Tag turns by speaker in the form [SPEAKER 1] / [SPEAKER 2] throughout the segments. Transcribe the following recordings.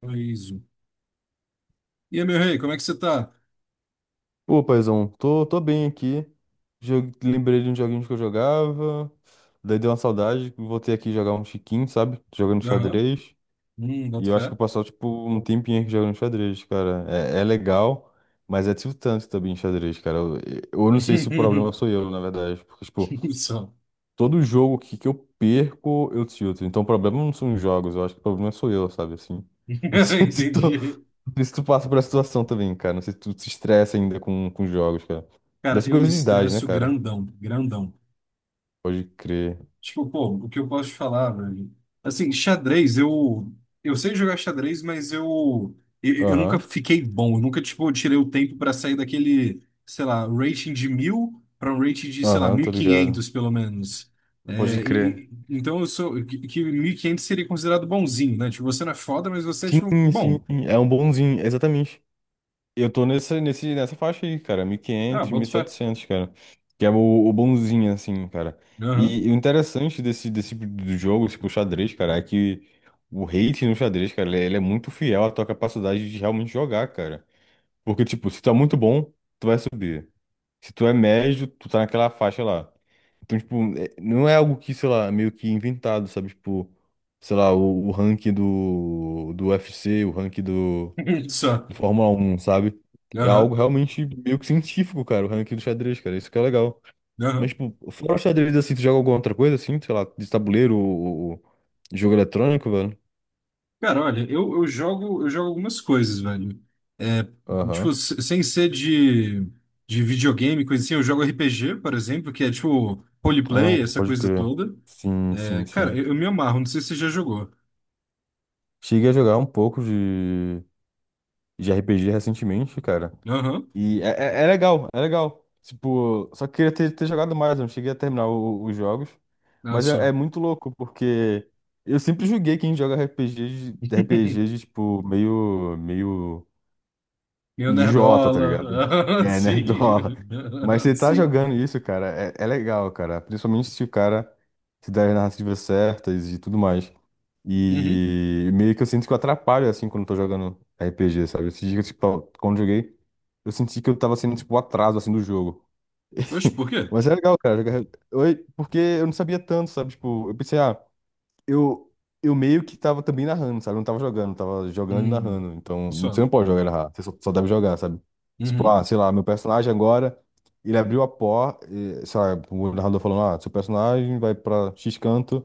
[SPEAKER 1] Paraíso. E aí, meu rei, como é que você tá?
[SPEAKER 2] Pô, paizão, tô bem aqui. Lembrei de um joguinho que eu jogava. Daí deu uma saudade. Voltei aqui jogar um chiquinho, sabe? Jogando
[SPEAKER 1] Aham.
[SPEAKER 2] xadrez. E
[SPEAKER 1] Boto
[SPEAKER 2] eu
[SPEAKER 1] fé.
[SPEAKER 2] acho que eu passou, tipo, um tempinho aqui jogando xadrez, cara. É legal, mas é tiltante também xadrez, cara. Eu não sei se o problema sou eu, na verdade. Porque, tipo,
[SPEAKER 1] Só.
[SPEAKER 2] todo jogo que eu perco, eu tilto. Então o problema não são os jogos, eu acho que o problema sou eu, sabe, assim. Não
[SPEAKER 1] Entendi.
[SPEAKER 2] sei se tu passa por essa situação também, cara. Não sei se tu se estressa ainda com jogos, cara.
[SPEAKER 1] Cara,
[SPEAKER 2] Dessa
[SPEAKER 1] eu me
[SPEAKER 2] coisa de idade, né,
[SPEAKER 1] estresso
[SPEAKER 2] cara?
[SPEAKER 1] grandão, grandão.
[SPEAKER 2] Pode crer.
[SPEAKER 1] Tipo, pô, o que eu posso te falar, velho? Assim, xadrez, eu sei jogar xadrez, mas eu nunca
[SPEAKER 2] Aham,
[SPEAKER 1] fiquei bom. Eu nunca, tipo, tirei o tempo para sair daquele, sei lá, rating de 1.000 para um rating de, sei lá,
[SPEAKER 2] aham,
[SPEAKER 1] mil e
[SPEAKER 2] tô ligado.
[SPEAKER 1] quinhentos pelo menos.
[SPEAKER 2] Pode
[SPEAKER 1] É,
[SPEAKER 2] crer.
[SPEAKER 1] então eu sou que 1.500 seria considerado bonzinho, né? Tipo, você não é foda, mas você é
[SPEAKER 2] Sim,
[SPEAKER 1] tipo
[SPEAKER 2] sim,
[SPEAKER 1] bom.
[SPEAKER 2] sim, é um bonzinho, exatamente. Eu tô nessa faixa aí, cara,
[SPEAKER 1] Ah,
[SPEAKER 2] 1500,
[SPEAKER 1] boto fé.
[SPEAKER 2] 700 cara, que é o bonzinho, assim, cara.
[SPEAKER 1] Aham.
[SPEAKER 2] E o interessante desse do jogo, tipo, o xadrez, cara, é que o hate no xadrez, cara, ele é muito fiel à tua capacidade de realmente jogar, cara. Porque, tipo, se tu é muito bom, tu vai subir. Se tu é médio, tu tá naquela faixa lá. Então, tipo, não é algo que, sei lá, meio que inventado, sabe? Tipo, sei lá, o ranking do UFC, o ranking do
[SPEAKER 1] Só.
[SPEAKER 2] do Fórmula 1, sabe? É
[SPEAKER 1] Aham.
[SPEAKER 2] algo realmente meio que científico, cara, o ranking do xadrez, cara. Isso que é legal. Mas,
[SPEAKER 1] Aham.
[SPEAKER 2] tipo, fora o xadrez, assim, tu joga alguma outra coisa, assim? Sei lá, de tabuleiro ou, jogo eletrônico, velho?
[SPEAKER 1] Cara, olha, eu jogo algumas coisas, velho. É,
[SPEAKER 2] Aham.
[SPEAKER 1] tipo, sem ser de videogame, coisa assim, eu jogo RPG, por exemplo, que é tipo
[SPEAKER 2] Ah,
[SPEAKER 1] roleplay, essa
[SPEAKER 2] pode
[SPEAKER 1] coisa
[SPEAKER 2] crer.
[SPEAKER 1] toda.
[SPEAKER 2] Sim,
[SPEAKER 1] É,
[SPEAKER 2] sim,
[SPEAKER 1] cara,
[SPEAKER 2] sim.
[SPEAKER 1] eu me amarro, não sei se você já jogou.
[SPEAKER 2] Cheguei a jogar um pouco de RPG recentemente, cara.
[SPEAKER 1] Aham.
[SPEAKER 2] E é legal, é legal. Tipo, só queria ter jogado mais, eu não cheguei a terminar os jogos.
[SPEAKER 1] Olha
[SPEAKER 2] Mas é,
[SPEAKER 1] só.
[SPEAKER 2] é muito louco, porque eu sempre julguei quem joga RPG de, tipo, meio, meio.
[SPEAKER 1] Meu
[SPEAKER 2] Idiota, tá ligado?
[SPEAKER 1] nerdola.
[SPEAKER 2] É, né? Dólar.
[SPEAKER 1] Sim.
[SPEAKER 2] Mas você tá
[SPEAKER 1] Sim.
[SPEAKER 2] jogando isso, cara, é legal, cara. Principalmente se o cara se der as narrativas certas e tudo mais.
[SPEAKER 1] Uhum.
[SPEAKER 2] E meio que eu sinto que eu atrapalho, assim, quando eu tô jogando RPG, sabe? Esses dias, tipo, quando eu joguei, eu senti que eu tava sendo, tipo, o atraso, assim, do jogo.
[SPEAKER 1] Oxe, por quê?
[SPEAKER 2] Mas é legal, cara. Oi, porque eu não sabia tanto, sabe? Tipo, eu pensei, ah, eu, eu meio que tava também narrando, sabe? Eu não tava jogando, tava jogando e
[SPEAKER 1] Hum.
[SPEAKER 2] narrando. Então, você
[SPEAKER 1] Só.
[SPEAKER 2] não pode jogar e narrar, você só deve jogar, sabe? Tipo,
[SPEAKER 1] Uhum.
[SPEAKER 2] ah, sei lá, meu personagem agora, ele abriu a porta, e, sei lá, o narrador falando, ah, seu personagem vai pra X canto.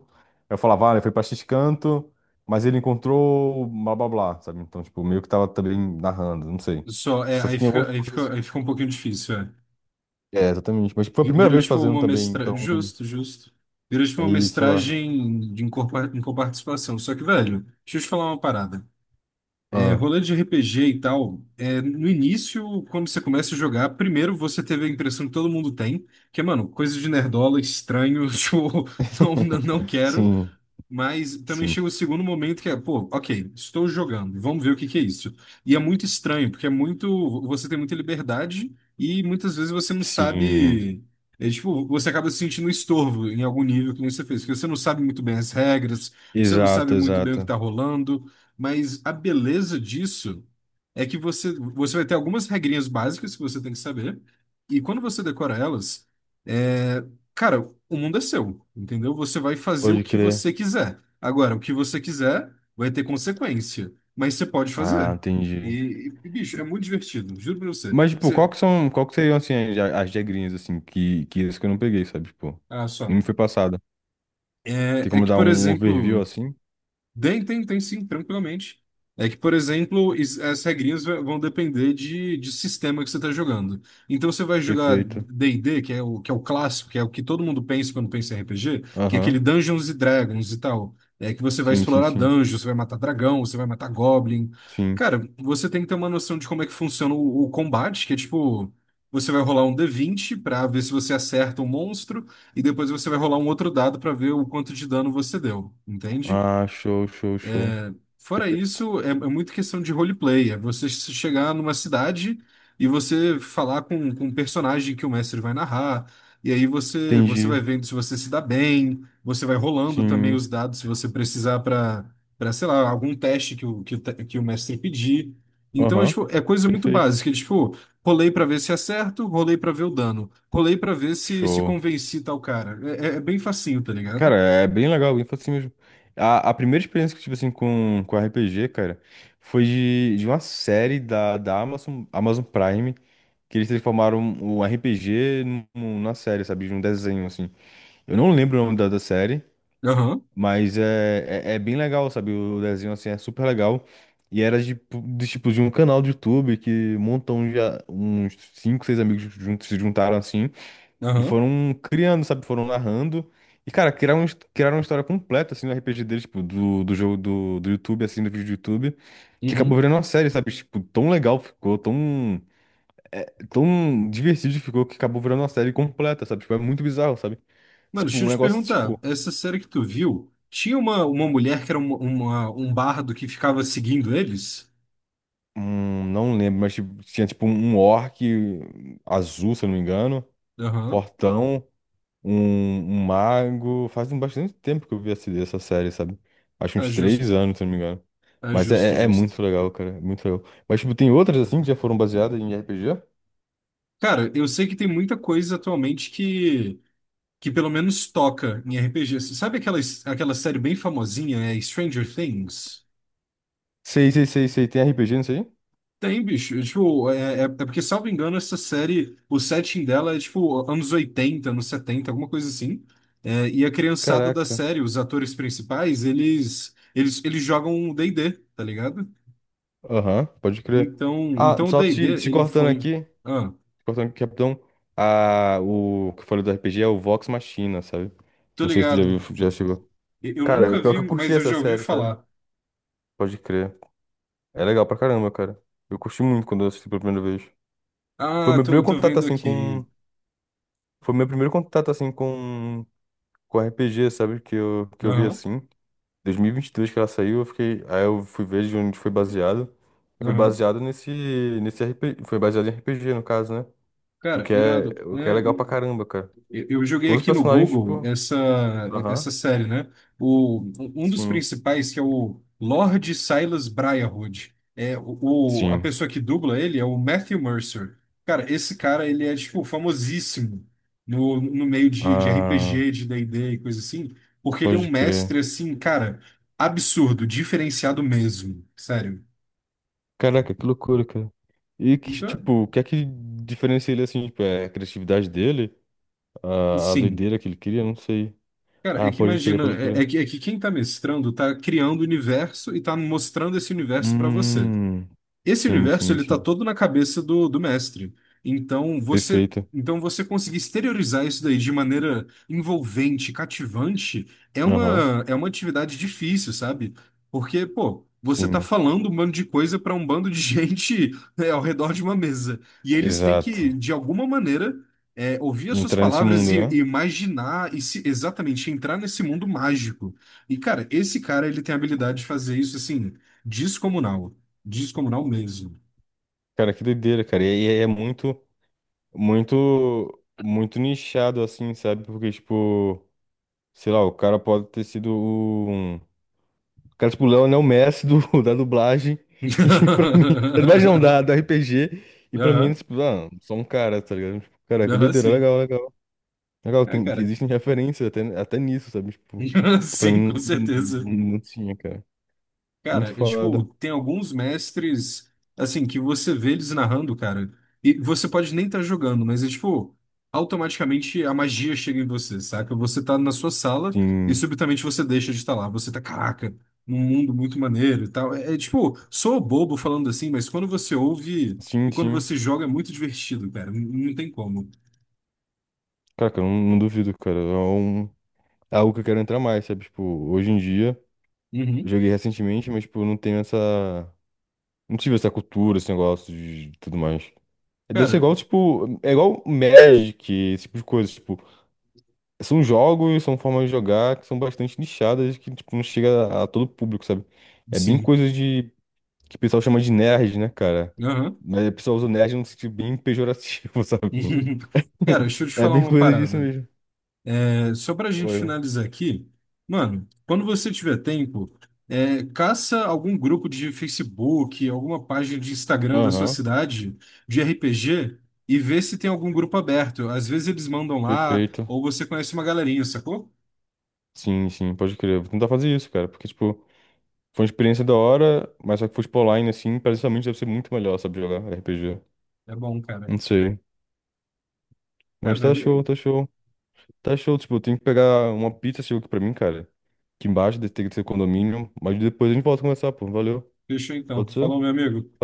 [SPEAKER 2] Eu falava, ah, ele foi pra X canto, mas ele encontrou blá blá blá, sabe? Então, tipo, meio que tava também narrando, não sei.
[SPEAKER 1] Só, é,
[SPEAKER 2] Só
[SPEAKER 1] aí
[SPEAKER 2] tinha algumas
[SPEAKER 1] fica, aí
[SPEAKER 2] coisas.
[SPEAKER 1] fica, aí fica um pouquinho difícil, é.
[SPEAKER 2] É, exatamente. Mas tipo, foi a primeira
[SPEAKER 1] Virou
[SPEAKER 2] vez
[SPEAKER 1] tipo
[SPEAKER 2] fazendo
[SPEAKER 1] uma
[SPEAKER 2] também,
[SPEAKER 1] mestragem.
[SPEAKER 2] então,
[SPEAKER 1] Justo, justo. Virou tipo uma
[SPEAKER 2] aí, sei lá.
[SPEAKER 1] mestragem de em coparticipação. Só que, velho, deixa eu te falar uma parada. É,
[SPEAKER 2] Ah.
[SPEAKER 1] rolê de RPG e tal, é, no início, quando você começa a jogar, primeiro você teve a impressão que todo mundo tem, que é, mano, coisa de nerdola, estranho, tipo, não, não não quero.
[SPEAKER 2] Sim.
[SPEAKER 1] Mas também
[SPEAKER 2] Sim.
[SPEAKER 1] chega o segundo momento que é, pô, ok, estou jogando, vamos ver o que que é isso. E é muito estranho, porque é muito, você tem muita liberdade e muitas vezes você não
[SPEAKER 2] Sim,
[SPEAKER 1] sabe, é, tipo, você acaba se sentindo um estorvo em algum nível que nem você fez, porque você não sabe muito bem as regras, você não sabe
[SPEAKER 2] exato,
[SPEAKER 1] muito bem o que
[SPEAKER 2] exato.
[SPEAKER 1] está rolando, mas a beleza disso é que você vai ter algumas regrinhas básicas que você tem que saber, e quando você decora elas, é, cara, o mundo é seu, entendeu? Você vai fazer o
[SPEAKER 2] Pode
[SPEAKER 1] que
[SPEAKER 2] crer.
[SPEAKER 1] você quiser. Agora, o que você quiser vai ter consequência, mas você pode
[SPEAKER 2] Ah,
[SPEAKER 1] fazer.
[SPEAKER 2] entendi.
[SPEAKER 1] Bicho, é muito divertido, juro pra você.
[SPEAKER 2] Mas, tipo,
[SPEAKER 1] Você,
[SPEAKER 2] qual que seriam, assim, as regrinhas, assim, que isso que eu não peguei, sabe? Tipo,
[SPEAKER 1] ah,
[SPEAKER 2] não me
[SPEAKER 1] só.
[SPEAKER 2] foi passada. Tem
[SPEAKER 1] É
[SPEAKER 2] como
[SPEAKER 1] que,
[SPEAKER 2] dar
[SPEAKER 1] por
[SPEAKER 2] um
[SPEAKER 1] exemplo.
[SPEAKER 2] overview, assim?
[SPEAKER 1] Tem sim, tranquilamente. É que, por exemplo, as regrinhas vão depender de sistema que você está jogando. Então, você vai jogar
[SPEAKER 2] Perfeito.
[SPEAKER 1] D&D, que é o, clássico, que é o que todo mundo pensa quando pensa em RPG, que é
[SPEAKER 2] Aham.
[SPEAKER 1] aquele Dungeons e Dragons e tal. É que você vai
[SPEAKER 2] Sim, sim,
[SPEAKER 1] explorar
[SPEAKER 2] sim.
[SPEAKER 1] dungeons, você vai matar dragão, você vai matar goblin.
[SPEAKER 2] Sim.
[SPEAKER 1] Cara, você tem que ter uma noção de como é que funciona o combate, que é tipo, você vai rolar um d20 para ver se você acerta um monstro, e depois você vai rolar um outro dado para ver o quanto de dano você deu, entende?
[SPEAKER 2] Ah, show, show, show.
[SPEAKER 1] Fora
[SPEAKER 2] Perfeito.
[SPEAKER 1] isso, é muito questão de roleplay. É você chegar numa cidade e você falar com um personagem que o mestre vai narrar. E aí você vai
[SPEAKER 2] Entendi.
[SPEAKER 1] vendo se você se dá bem, você vai rolando também
[SPEAKER 2] Sim.
[SPEAKER 1] os dados se você precisar para, para, sei lá, algum teste que o mestre pedir. Então, é,
[SPEAKER 2] Aham.
[SPEAKER 1] tipo, é coisa muito
[SPEAKER 2] Perfeito.
[SPEAKER 1] básica. É, tipo, rolei para ver se acerto, rolei para ver o dano, rolei para ver se
[SPEAKER 2] Show.
[SPEAKER 1] convenci tal cara. É bem facinho, tá ligado?
[SPEAKER 2] Cara, é bem legal, bem fácil mesmo. A primeira experiência que eu tive, assim, com RPG, cara, foi de uma série da Amazon Prime, que eles transformaram o RPG numa série, sabe? De um desenho, assim. Eu não lembro o nome da série,
[SPEAKER 1] Aham,
[SPEAKER 2] mas é bem legal, sabe? O desenho, assim, é super legal. E era de um canal do YouTube que montam já uns cinco, seis amigos juntos se juntaram, assim, e
[SPEAKER 1] aham.
[SPEAKER 2] foram criando, sabe? Foram narrando. E, cara, criaram uma história completa, assim, no RPG deles, tipo, do jogo do YouTube, assim, do vídeo do YouTube, que acabou
[SPEAKER 1] Uhum.
[SPEAKER 2] virando uma série, sabe? Tipo, tão legal ficou, tão divertido ficou, que acabou virando uma série completa, sabe? Tipo, é muito bizarro, sabe?
[SPEAKER 1] Mano,
[SPEAKER 2] Tipo,
[SPEAKER 1] deixa
[SPEAKER 2] um
[SPEAKER 1] eu te
[SPEAKER 2] negócio,
[SPEAKER 1] perguntar,
[SPEAKER 2] tipo,
[SPEAKER 1] essa série que tu viu, tinha uma mulher que era uma, um bardo que ficava seguindo eles?
[SPEAKER 2] não lembro, mas tipo, tinha, tipo, um orc azul, se eu não me engano,
[SPEAKER 1] Aham.
[SPEAKER 2] fortão. Um mago. Faz um bastante tempo que eu vi essa série, sabe? Acho
[SPEAKER 1] É
[SPEAKER 2] uns três
[SPEAKER 1] justo,
[SPEAKER 2] anos, se não me engano.
[SPEAKER 1] é
[SPEAKER 2] Mas
[SPEAKER 1] justo,
[SPEAKER 2] é, é muito
[SPEAKER 1] justo.
[SPEAKER 2] legal, cara. É muito legal. Mas, tipo, tem outras assim que já foram baseadas em RPG?
[SPEAKER 1] Cara, eu sei que tem muita coisa atualmente que pelo menos toca em RPG. Sabe aquela série bem famosinha, é Stranger Things?
[SPEAKER 2] Sei, sei, sei, sei. Tem RPG nisso aí?
[SPEAKER 1] Tem, bicho. Tipo, é porque, salvo engano, essa série, o setting dela é tipo anos 80 anos 70 alguma coisa assim. É, e a criançada da
[SPEAKER 2] Caraca.
[SPEAKER 1] série, os atores principais, eles jogam D&D, tá ligado?
[SPEAKER 2] Aham, pode crer.
[SPEAKER 1] Então,
[SPEAKER 2] Ah,
[SPEAKER 1] então o
[SPEAKER 2] só
[SPEAKER 1] D&D,
[SPEAKER 2] te
[SPEAKER 1] ele
[SPEAKER 2] cortando
[SPEAKER 1] foi.
[SPEAKER 2] aqui. Te
[SPEAKER 1] Ah,
[SPEAKER 2] cortando aqui, capitão. Ah, o que eu falei do RPG é o Vox Machina, sabe?
[SPEAKER 1] tô
[SPEAKER 2] Não sei se tu já viu,
[SPEAKER 1] ligado.
[SPEAKER 2] já chegou.
[SPEAKER 1] Eu
[SPEAKER 2] Cara, o
[SPEAKER 1] nunca
[SPEAKER 2] pior
[SPEAKER 1] vi,
[SPEAKER 2] que eu curti
[SPEAKER 1] mas eu
[SPEAKER 2] essa
[SPEAKER 1] já ouvi
[SPEAKER 2] série, sabe?
[SPEAKER 1] falar.
[SPEAKER 2] Pode crer. É legal pra caramba, cara. Eu curti muito quando eu assisti pela primeira vez. Foi
[SPEAKER 1] Ah,
[SPEAKER 2] meu
[SPEAKER 1] tô,
[SPEAKER 2] primeiro
[SPEAKER 1] tô
[SPEAKER 2] contato
[SPEAKER 1] vendo
[SPEAKER 2] assim com.
[SPEAKER 1] aqui.
[SPEAKER 2] Foi meu primeiro contato assim com RPG, sabe? Que eu vi
[SPEAKER 1] Aham,
[SPEAKER 2] assim. Dois mil e vinte e dois que ela saiu, eu fiquei. Aí eu fui ver de onde foi baseado. Foi
[SPEAKER 1] aham.
[SPEAKER 2] baseado nesse RPG. Foi baseado em RPG, no caso, né? O
[SPEAKER 1] Cara,
[SPEAKER 2] que é,
[SPEAKER 1] irado.
[SPEAKER 2] o que é
[SPEAKER 1] É,
[SPEAKER 2] legal pra caramba, cara.
[SPEAKER 1] eu joguei
[SPEAKER 2] Todos os
[SPEAKER 1] aqui no
[SPEAKER 2] personagens,
[SPEAKER 1] Google
[SPEAKER 2] tipo.
[SPEAKER 1] essa,
[SPEAKER 2] Aham.
[SPEAKER 1] essa série, né? Um dos
[SPEAKER 2] Sim.
[SPEAKER 1] principais, que é o Lord Silas Briarwood, é a
[SPEAKER 2] Sim.
[SPEAKER 1] pessoa que dubla ele é o Matthew Mercer. Cara, esse cara, ele é, tipo, famosíssimo no meio de
[SPEAKER 2] Ah,
[SPEAKER 1] RPG, de D&D e D e coisa assim, porque ele é um
[SPEAKER 2] pode crer.
[SPEAKER 1] mestre, assim, cara, absurdo, diferenciado mesmo, sério.
[SPEAKER 2] Caraca, que loucura, cara. E que,
[SPEAKER 1] Então,
[SPEAKER 2] tipo, o que é que diferencia ele assim, tipo, é a criatividade dele? A
[SPEAKER 1] sim.
[SPEAKER 2] doideira que ele cria, não sei.
[SPEAKER 1] Cara, é
[SPEAKER 2] Ah,
[SPEAKER 1] que
[SPEAKER 2] pode crer,
[SPEAKER 1] imagina,
[SPEAKER 2] pode crer.
[SPEAKER 1] é que quem tá mestrando tá criando o universo e tá mostrando esse universo pra você.
[SPEAKER 2] Hum,
[SPEAKER 1] Esse
[SPEAKER 2] sim,
[SPEAKER 1] universo
[SPEAKER 2] sim,
[SPEAKER 1] ele tá
[SPEAKER 2] sim.
[SPEAKER 1] todo na cabeça do mestre. Então você,
[SPEAKER 2] Perfeito.
[SPEAKER 1] então você conseguir exteriorizar isso daí de maneira envolvente, cativante, é
[SPEAKER 2] Aham,
[SPEAKER 1] uma é uma atividade difícil, sabe? Porque, pô, você tá
[SPEAKER 2] sim.
[SPEAKER 1] falando um bando de coisa para um bando de gente, né, ao redor de uma mesa. E eles têm que,
[SPEAKER 2] Exato.
[SPEAKER 1] de alguma maneira, é, ouvir as
[SPEAKER 2] E
[SPEAKER 1] suas
[SPEAKER 2] entrar nesse
[SPEAKER 1] palavras
[SPEAKER 2] mundo,
[SPEAKER 1] e,
[SPEAKER 2] né?
[SPEAKER 1] e imaginar e se, exatamente entrar nesse mundo mágico. E, cara, esse cara ele tem a habilidade de fazer isso assim descomunal. Descomunal mesmo.
[SPEAKER 2] Cara, que doideira, cara. E é muito, muito, muito nichado, assim, sabe? Porque, tipo, sei lá, o cara pode ter sido um. O cara, tipo, o Léo é o Messi do, da dublagem. E pra mim. Da dublagem não, da, do RPG. E pra mim,
[SPEAKER 1] Aham,
[SPEAKER 2] tipo, ah, só um cara, tá ligado? Tipo, caraca,
[SPEAKER 1] aham,
[SPEAKER 2] doideira,
[SPEAKER 1] sim.
[SPEAKER 2] legal, legal. Legal,
[SPEAKER 1] É, cara.
[SPEAKER 2] existem referências até nisso, sabe? Tipo, que pra
[SPEAKER 1] Sim,
[SPEAKER 2] mim
[SPEAKER 1] com
[SPEAKER 2] não, não,
[SPEAKER 1] certeza.
[SPEAKER 2] não tinha, cara. Muito
[SPEAKER 1] Cara, é, tipo,
[SPEAKER 2] foda.
[SPEAKER 1] tem alguns mestres, assim, que você vê eles narrando, cara, e você pode nem estar jogando, mas é tipo, automaticamente a magia chega em você, saca? Você tá na sua sala e
[SPEAKER 2] Sim,
[SPEAKER 1] subitamente você deixa de estar lá. Você tá, caraca, num mundo muito maneiro e tal. É, tipo, sou bobo falando assim, mas quando você ouve
[SPEAKER 2] sim,
[SPEAKER 1] e quando
[SPEAKER 2] sim.
[SPEAKER 1] você joga é muito divertido, cara. Não não tem como.
[SPEAKER 2] Cara, cara, eu não duvido, cara. É algo que eu quero entrar mais, sabe? Tipo, hoje em dia,
[SPEAKER 1] Uhum.
[SPEAKER 2] joguei recentemente, mas, tipo, eu não tenho essa. Não tive essa cultura, esse negócio de tudo mais. Deve ser
[SPEAKER 1] Cara,
[SPEAKER 2] igual, tipo, é igual Magic, esse tipo de coisa. Tipo, são jogos, são formas de jogar que são bastante nichadas, que, tipo, não chega a todo público, sabe? É bem
[SPEAKER 1] sim.
[SPEAKER 2] coisa de que o pessoal chama de nerd, né, cara?
[SPEAKER 1] Aham.
[SPEAKER 2] Mas o pessoal usa nerd num sentido bem pejorativo, sabe?
[SPEAKER 1] Cara, deixa eu te
[SPEAKER 2] É
[SPEAKER 1] falar
[SPEAKER 2] bem
[SPEAKER 1] uma
[SPEAKER 2] coisa disso
[SPEAKER 1] parada.
[SPEAKER 2] mesmo.
[SPEAKER 1] É, só pra gente
[SPEAKER 2] Oi.
[SPEAKER 1] finalizar aqui, mano, quando você tiver tempo, é, caça algum grupo de Facebook, alguma página de Instagram da sua
[SPEAKER 2] Aham,
[SPEAKER 1] cidade de RPG e vê se tem algum grupo aberto. Às vezes eles mandam lá,
[SPEAKER 2] perfeito.
[SPEAKER 1] ou você conhece uma galerinha, sacou?
[SPEAKER 2] Sim, sim, pode crer. Vou tentar fazer isso, cara, porque, tipo, foi uma experiência da hora, mas só que fosse pro online, assim, precisamente deve ser muito melhor, sabe, jogar RPG.
[SPEAKER 1] É bom, cara.
[SPEAKER 2] Não sei.
[SPEAKER 1] É,
[SPEAKER 2] Mas tá show,
[SPEAKER 1] velho.
[SPEAKER 2] tá show. Tá show, tipo, eu tenho que pegar uma pizza, chegou aqui pra mim, cara. Aqui embaixo, deve ter que ser condomínio, mas depois a gente volta a conversar, pô. Valeu.
[SPEAKER 1] Fechou então.
[SPEAKER 2] Pode ser?
[SPEAKER 1] Falou, meu amigo.